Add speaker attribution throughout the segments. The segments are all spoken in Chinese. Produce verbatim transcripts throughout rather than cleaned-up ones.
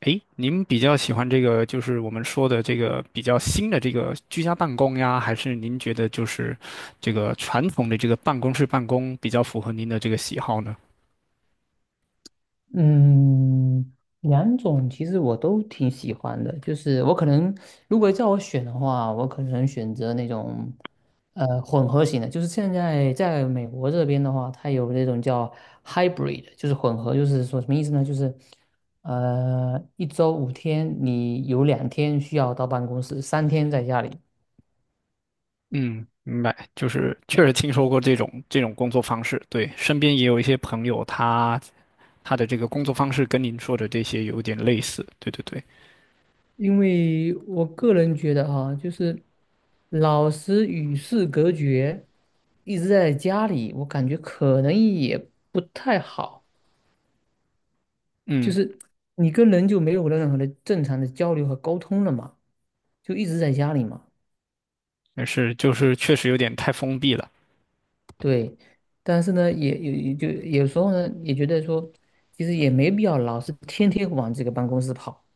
Speaker 1: 诶，您比较喜欢这个，就是我们说的这个比较新的这个居家办公呀，还是您觉得就是这个传统的这个办公室办公比较符合您的这个喜好呢？
Speaker 2: 嗯，两种其实我都挺喜欢的，就是我可能如果叫我选的话，我可能选择那种呃混合型的，就是现在在美国这边的话，它有那种叫 hybrid，就是混合，就是说什么意思呢？就是呃一周五天，你有两天需要到办公室，三天在家里。
Speaker 1: 嗯，明白，就是确实听说过这种这种工作方式，对，身边也有一些朋友他，他的这个工作方式跟您说的这些有点类似，对对对，
Speaker 2: 因为我个人觉得哈、就是老师与世隔绝，一直在家里，我感觉可能也不太好。就
Speaker 1: 嗯，
Speaker 2: 是你跟人就没有任何的正常的交流和沟通了嘛，就一直在家里嘛。
Speaker 1: 但是就是确实有点太封闭了。
Speaker 2: 对，但是呢，也也也就有时候呢，也觉得说，其实也没必要老是天天往这个办公室跑，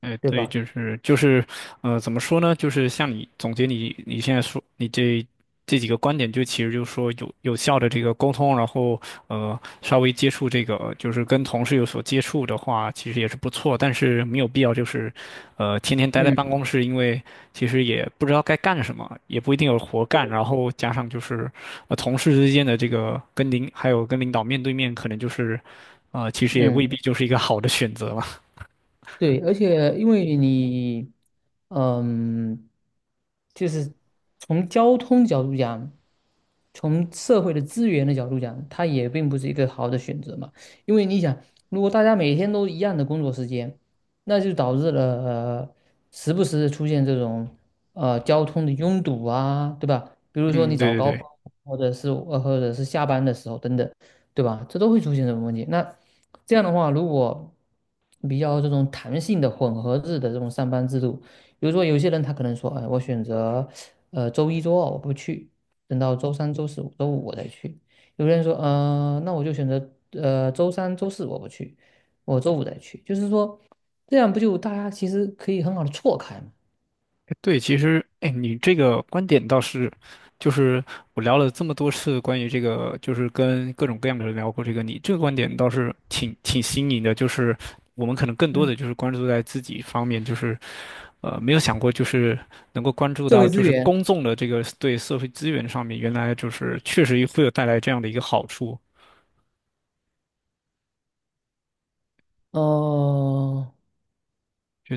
Speaker 1: 哎，
Speaker 2: 对
Speaker 1: 对，
Speaker 2: 吧？
Speaker 1: 就是就是，呃，怎么说呢？就是像你总结你你现在说你这这几个观点，就其实就是说有有效的这个沟通，然后呃稍微接触这个就是跟同事有所接触的话，其实也是不错，但是没有必要就是，呃，天天待在
Speaker 2: 嗯，
Speaker 1: 办公室，因为其实也不知道该干什么，也不一定有活干，
Speaker 2: 对，
Speaker 1: 然后加上就是呃同事之间的这个跟领还有跟领导面对面，可能就是，呃，其实也未
Speaker 2: 嗯。
Speaker 1: 必就是一个好的选择吧。
Speaker 2: 对，而且因为你，嗯，就是从交通角度讲，从社会的资源的角度讲，它也并不是一个好的选择嘛。因为你想，如果大家每天都一样的工作时间，那就导致了，呃，时不时的出现这种呃交通的拥堵啊，对吧？比如说
Speaker 1: 嗯，
Speaker 2: 你
Speaker 1: 对
Speaker 2: 早
Speaker 1: 对
Speaker 2: 高峰，
Speaker 1: 对。
Speaker 2: 或者是呃或者是下班的时候等等。对吧？这都会出现这种问题。那这样的话，如果比较这种弹性的混合制的这种上班制度，比如说有些人他可能说，哎，我选择呃周一周二我不去，等到周三、周四、周五我再去。有人说，呃，那我就选择呃周三、周四我不去，我周五再去。就是说，这样不就大家其实可以很好的错开嘛？
Speaker 1: 哎对，其实，哎，你这个观点倒是，就是我聊了这么多次关于这个，就是跟各种各样的人聊过这个，你这个观点倒是挺挺新颖的，就是我们可能更多
Speaker 2: 嗯，
Speaker 1: 的就是关注在自己方面，就是呃没有想过就是能够关注
Speaker 2: 社
Speaker 1: 到
Speaker 2: 会
Speaker 1: 就
Speaker 2: 资
Speaker 1: 是
Speaker 2: 源，
Speaker 1: 公众的这个对社会资源上面，原来就是确实会有带来这样的一个好处，
Speaker 2: 哦，
Speaker 1: 就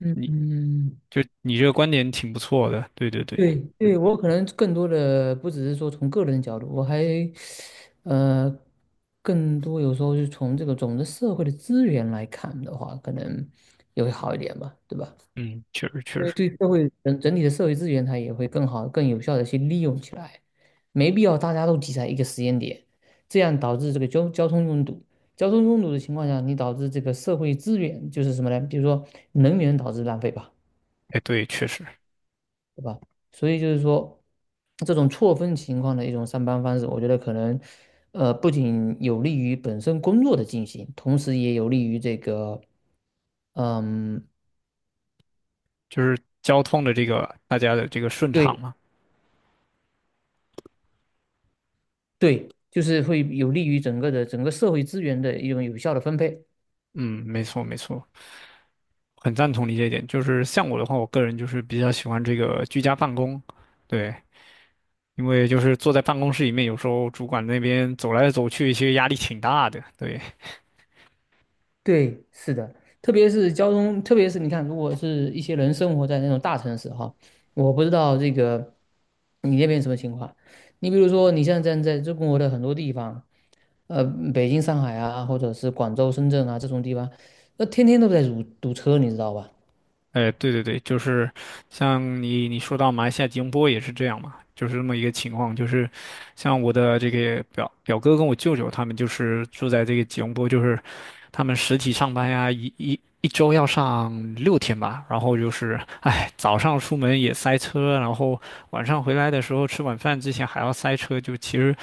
Speaker 2: 嗯
Speaker 1: 你
Speaker 2: 嗯。
Speaker 1: 就你这个观点挺不错的，对对对，
Speaker 2: 对对，我可能更多的不只是说从个人角度，我还呃更多有时候是从这个总的社会的资源来看的话，可能也会好一点吧，对吧？
Speaker 1: 嗯，确实
Speaker 2: 因
Speaker 1: 确
Speaker 2: 为
Speaker 1: 实，
Speaker 2: 对社会整整体的社会资源，它也会更好、更有效的去利用起来，没必要大家都挤在一个时间点，这样导致这个交交通拥堵。交通拥堵的情况下，你导致这个社会资源就是什么呢？比如说能源导致浪费吧。
Speaker 1: 哎，对，确实。
Speaker 2: 是吧？所以就是说，这种错峰情况的一种上班方式，我觉得可能，呃，不仅有利于本身工作的进行，同时也有利于这个，嗯，
Speaker 1: 就是交通的这个大家的这个顺畅
Speaker 2: 对
Speaker 1: 嘛。
Speaker 2: 对，就是会有利于整个的整个社会资源的一种有效的分配。
Speaker 1: 嗯，没错没错，很赞同你这一点。就是像我的话，我个人就是比较喜欢这个居家办公，对，因为就是坐在办公室里面，有时候主管那边走来走去，其实压力挺大的。对，
Speaker 2: 对，是的，特别是交通，特别是你看，如果是一些人生活在那种大城市哈，我不知道这个你那边什么情况。你比如说，你像站在中国的很多地方。呃，北京、上海啊，或者是广州、深圳啊这种地方，那天天都在堵堵车，你知道吧？
Speaker 1: 哎，对对对，就是像你你说到马来西亚吉隆坡也是这样嘛，就是这么一个情况，就是像我的这个表表哥跟我舅舅他们就是住在这个吉隆坡，就是他们实体上班呀，一一一周要上六天吧，然后就是哎，早上出门也塞车，然后晚上回来的时候吃晚饭之前还要塞车，就其实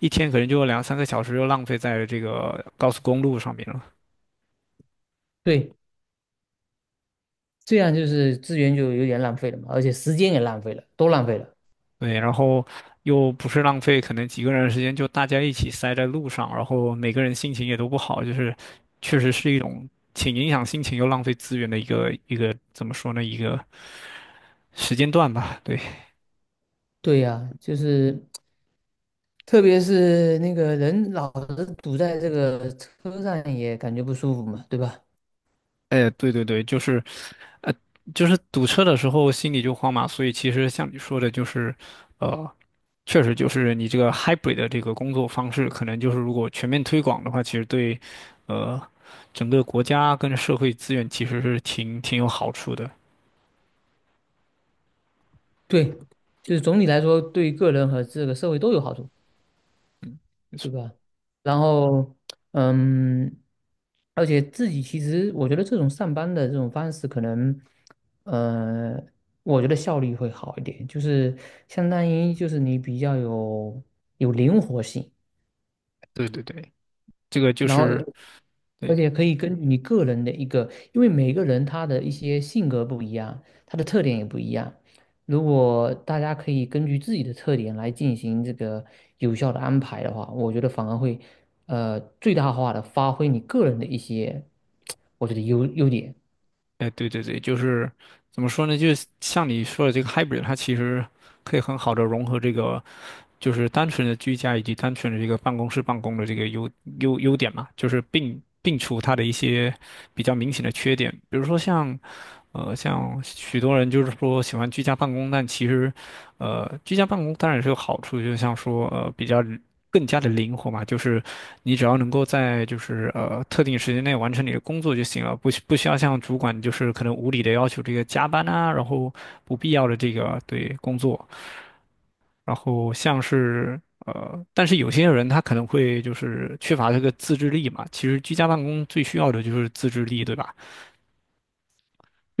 Speaker 1: 一天可能就有两三个小时就浪费在这个高速公路上面了。
Speaker 2: 对，这样就是资源就有点浪费了嘛，而且时间也浪费了，都浪费了。
Speaker 1: 对，然后又不是浪费，可能几个人的时间就大家一起塞在路上，然后每个人心情也都不好，就是确实是一种挺影响心情又浪费资源的一个一个怎么说呢，一个时间段吧。对。
Speaker 2: 对呀，就是特别是那个人老是堵在这个车上，也感觉不舒服嘛，对吧？
Speaker 1: 哎，对对对，就是，呃，就是堵车的时候心里就慌嘛，所以其实像你说的，就是，呃，确实就是你这个 hybrid 的这个工作方式，可能就是如果全面推广的话，其实对，呃，整个国家跟社会资源其实是挺挺有好处的。
Speaker 2: 对，就是总体来说，对个人和这个社会都有好处。对吧？然后，嗯，而且自己其实我觉得这种上班的这种方式，可能，呃，我觉得效率会好一点，就是相当于就是你比较有有灵活性。
Speaker 1: 对对对，这个就
Speaker 2: 然后
Speaker 1: 是。
Speaker 2: 而
Speaker 1: 对，
Speaker 2: 且可以根据你个人的一个，因为每个人他的一些性格不一样，他的特点也不一样。如果大家可以根据自己的特点来进行这个有效的安排的话，我觉得反而会呃最大化的发挥你个人的一些，我觉得优优点。
Speaker 1: 哎，对对对，就是怎么说呢？就是像你说的这个 hybrid，它其实可以很好的融合这个就是单纯的居家以及单纯的这个办公室办公的这个优优优点嘛，就是并并除它的一些比较明显的缺点，比如说像。呃，像许多人就是说喜欢居家办公，但其实，呃，居家办公当然是有好处，就像说呃比较更加的灵活嘛，就是你只要能够在就是呃特定时间内完成你的工作就行了，不需不需要像主管就是可能无理的要求这个加班啊，然后不必要的这个对工作。然后像是呃，但是有些人他可能会就是缺乏这个自制力嘛。其实居家办公最需要的就是自制力，对吧？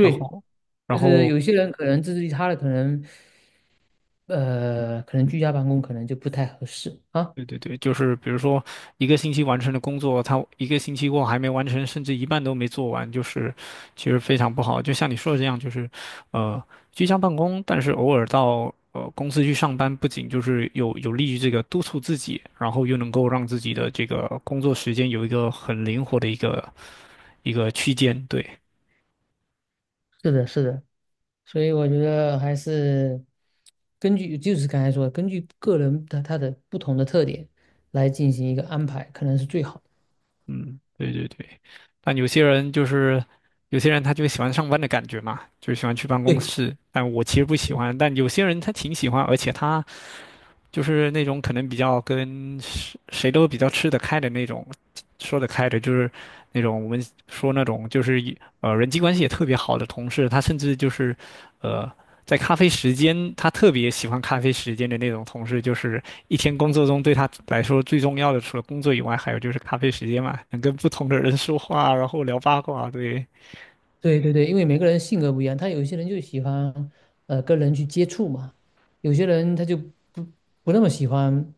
Speaker 1: 然后，然
Speaker 2: 就是
Speaker 1: 后
Speaker 2: 有些人可能自制力差的，可能呃可能居家办公可能就不太合适啊。
Speaker 1: 对对对，就是比如说一个星期完成的工作，他一个星期后还没完成，甚至一半都没做完，就是其实非常不好。就像你说的这样，就是呃居家办公，但是偶尔到。呃，公司去上班不仅就是有有利于这个督促自己，然后又能够让自己的这个工作时间有一个很灵活的一个一个区间，对，
Speaker 2: 是的，是的。所以我觉得还是根据就是刚才说的，根据个人的他的不同的特点来进行一个安排，可能是最好的。
Speaker 1: 嗯，对对对。但有些人就是有些人他就喜欢上班的感觉嘛，就喜欢去办公
Speaker 2: 对
Speaker 1: 室。但我其实不喜欢，但有些人他挺喜欢，而且他就是那种可能比较跟谁谁都比较吃得开的那种，说得开的，就是那种我们说那种就是一呃人际关系也特别好的同事，他甚至就是呃在咖啡时间，他特别喜欢咖啡时间的那种同事，就是一天工作中对他来说最重要的，除了工作以外，还有就是咖啡时间嘛，能跟不同的人说话，然后聊八卦，对。
Speaker 2: 对对对，因为每个人性格不一样，他有一些人就喜欢呃跟人去接触嘛，有些人他就不不那么喜欢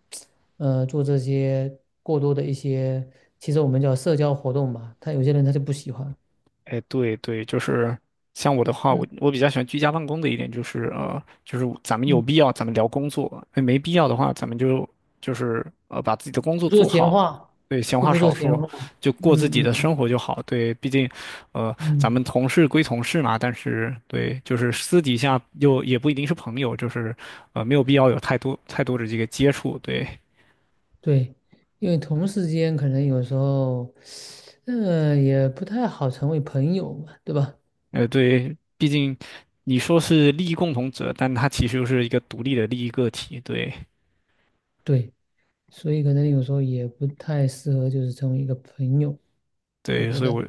Speaker 2: 呃做这些过多的一些，其实我们叫社交活动吧，他有些人他就不喜欢，
Speaker 1: 哎，对对，就是像我的话，我
Speaker 2: 嗯
Speaker 1: 我比较喜欢居家办公的一点就是呃，就是咱们有
Speaker 2: 嗯，
Speaker 1: 必要咱们聊工作，哎，没必要的话，咱们就就是呃把自己的工作
Speaker 2: 不说
Speaker 1: 做
Speaker 2: 闲
Speaker 1: 好，
Speaker 2: 话，
Speaker 1: 对，闲
Speaker 2: 又
Speaker 1: 话
Speaker 2: 不说
Speaker 1: 少
Speaker 2: 闲
Speaker 1: 说，
Speaker 2: 话，
Speaker 1: 就过自己
Speaker 2: 嗯嗯
Speaker 1: 的
Speaker 2: 嗯
Speaker 1: 生活就好。对，毕竟呃咱
Speaker 2: 嗯。
Speaker 1: 们同事归同事嘛，但是对，就是私底下又也不一定是朋友，就是呃没有必要有太多太多的这个接触。对，
Speaker 2: 对，因为同事间可能有时候，呃，也不太好成为朋友嘛，对吧？
Speaker 1: 呃对，毕竟你说是利益共同者，但他其实又是一个独立的利益个体。对。
Speaker 2: 对，所以可能有时候也不太适合，就是成为一个朋友，我
Speaker 1: 对，
Speaker 2: 觉
Speaker 1: 所以我，
Speaker 2: 得。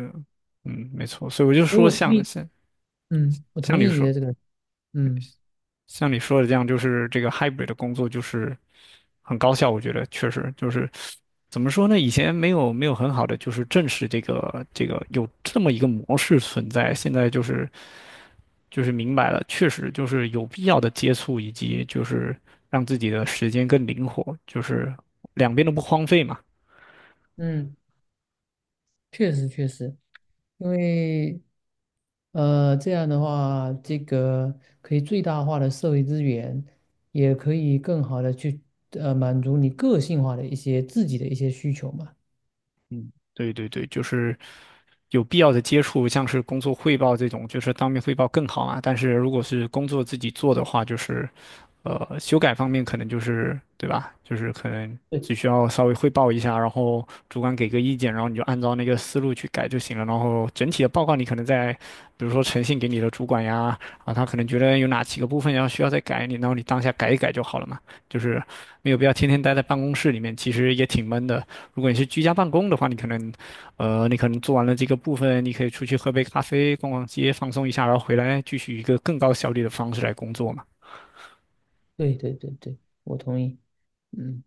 Speaker 1: 嗯，没错，所以我就
Speaker 2: 所以
Speaker 1: 说
Speaker 2: 我同
Speaker 1: 像的
Speaker 2: 意，
Speaker 1: 像
Speaker 2: 嗯，我
Speaker 1: 像
Speaker 2: 同
Speaker 1: 你
Speaker 2: 意你
Speaker 1: 说
Speaker 2: 的这个，嗯
Speaker 1: 像你说的这样，就是这个 hybrid 的工作就是很高效，我觉得确实就是怎么说呢？以前没有没有很好的就是正视这个这个有这么一个模式存在，现在就是就是明白了，确实就是有必要的接触，以及就是让自己的时间更灵活，就是两边都不荒废嘛。
Speaker 2: 嗯，确实确实，因为，呃，这样的话，这个可以最大化的社会资源，也可以更好的去，呃，满足你个性化的一些自己的一些需求嘛。
Speaker 1: 嗯，对对对，就是有必要的接触，像是工作汇报这种，就是当面汇报更好嘛。但是如果是工作自己做的话，就是呃，修改方面可能就是对吧？就是可能
Speaker 2: 对。
Speaker 1: 只需要稍微汇报一下，然后主管给个意见，然后你就按照那个思路去改就行了。然后整体的报告你可能在，比如说呈现给你的主管呀，啊，他可能觉得有哪几个部分要需要再改你，然后你当下改一改就好了嘛。就是没有必要天天待在办公室里面，其实也挺闷的。如果你是居家办公的话，你可能，呃，你可能做完了这个部分，你可以出去喝杯咖啡、逛逛街、放松一下，然后回来继续一个更高效率的方式来工作嘛。
Speaker 2: 对对对对，我同意。嗯，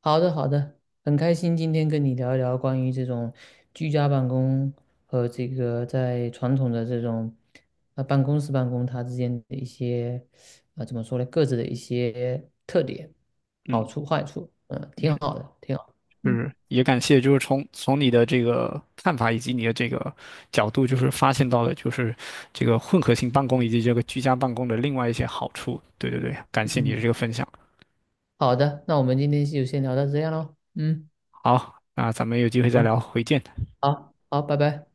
Speaker 2: 好的好的，很开心今天跟你聊一聊关于这种居家办公和这个在传统的这种呃办公室办公它之间的一些呃怎么说呢，各自的一些特点、好
Speaker 1: 嗯，
Speaker 2: 处、坏处，嗯，
Speaker 1: 就
Speaker 2: 挺
Speaker 1: 是
Speaker 2: 好的，挺好。
Speaker 1: 就
Speaker 2: 嗯，
Speaker 1: 是也感谢，就是从从你的这个看法以及你的这个角度，就是发现到了就是这个混合性办公以及这个居家办公的另外一些好处。对对对，感谢你
Speaker 2: 嗯，
Speaker 1: 的这个分享。
Speaker 2: 好的，那我们今天就先聊到这样喽。嗯，
Speaker 1: 好，那咱们有机会再
Speaker 2: 好，
Speaker 1: 聊，回见。
Speaker 2: 好，好，拜拜。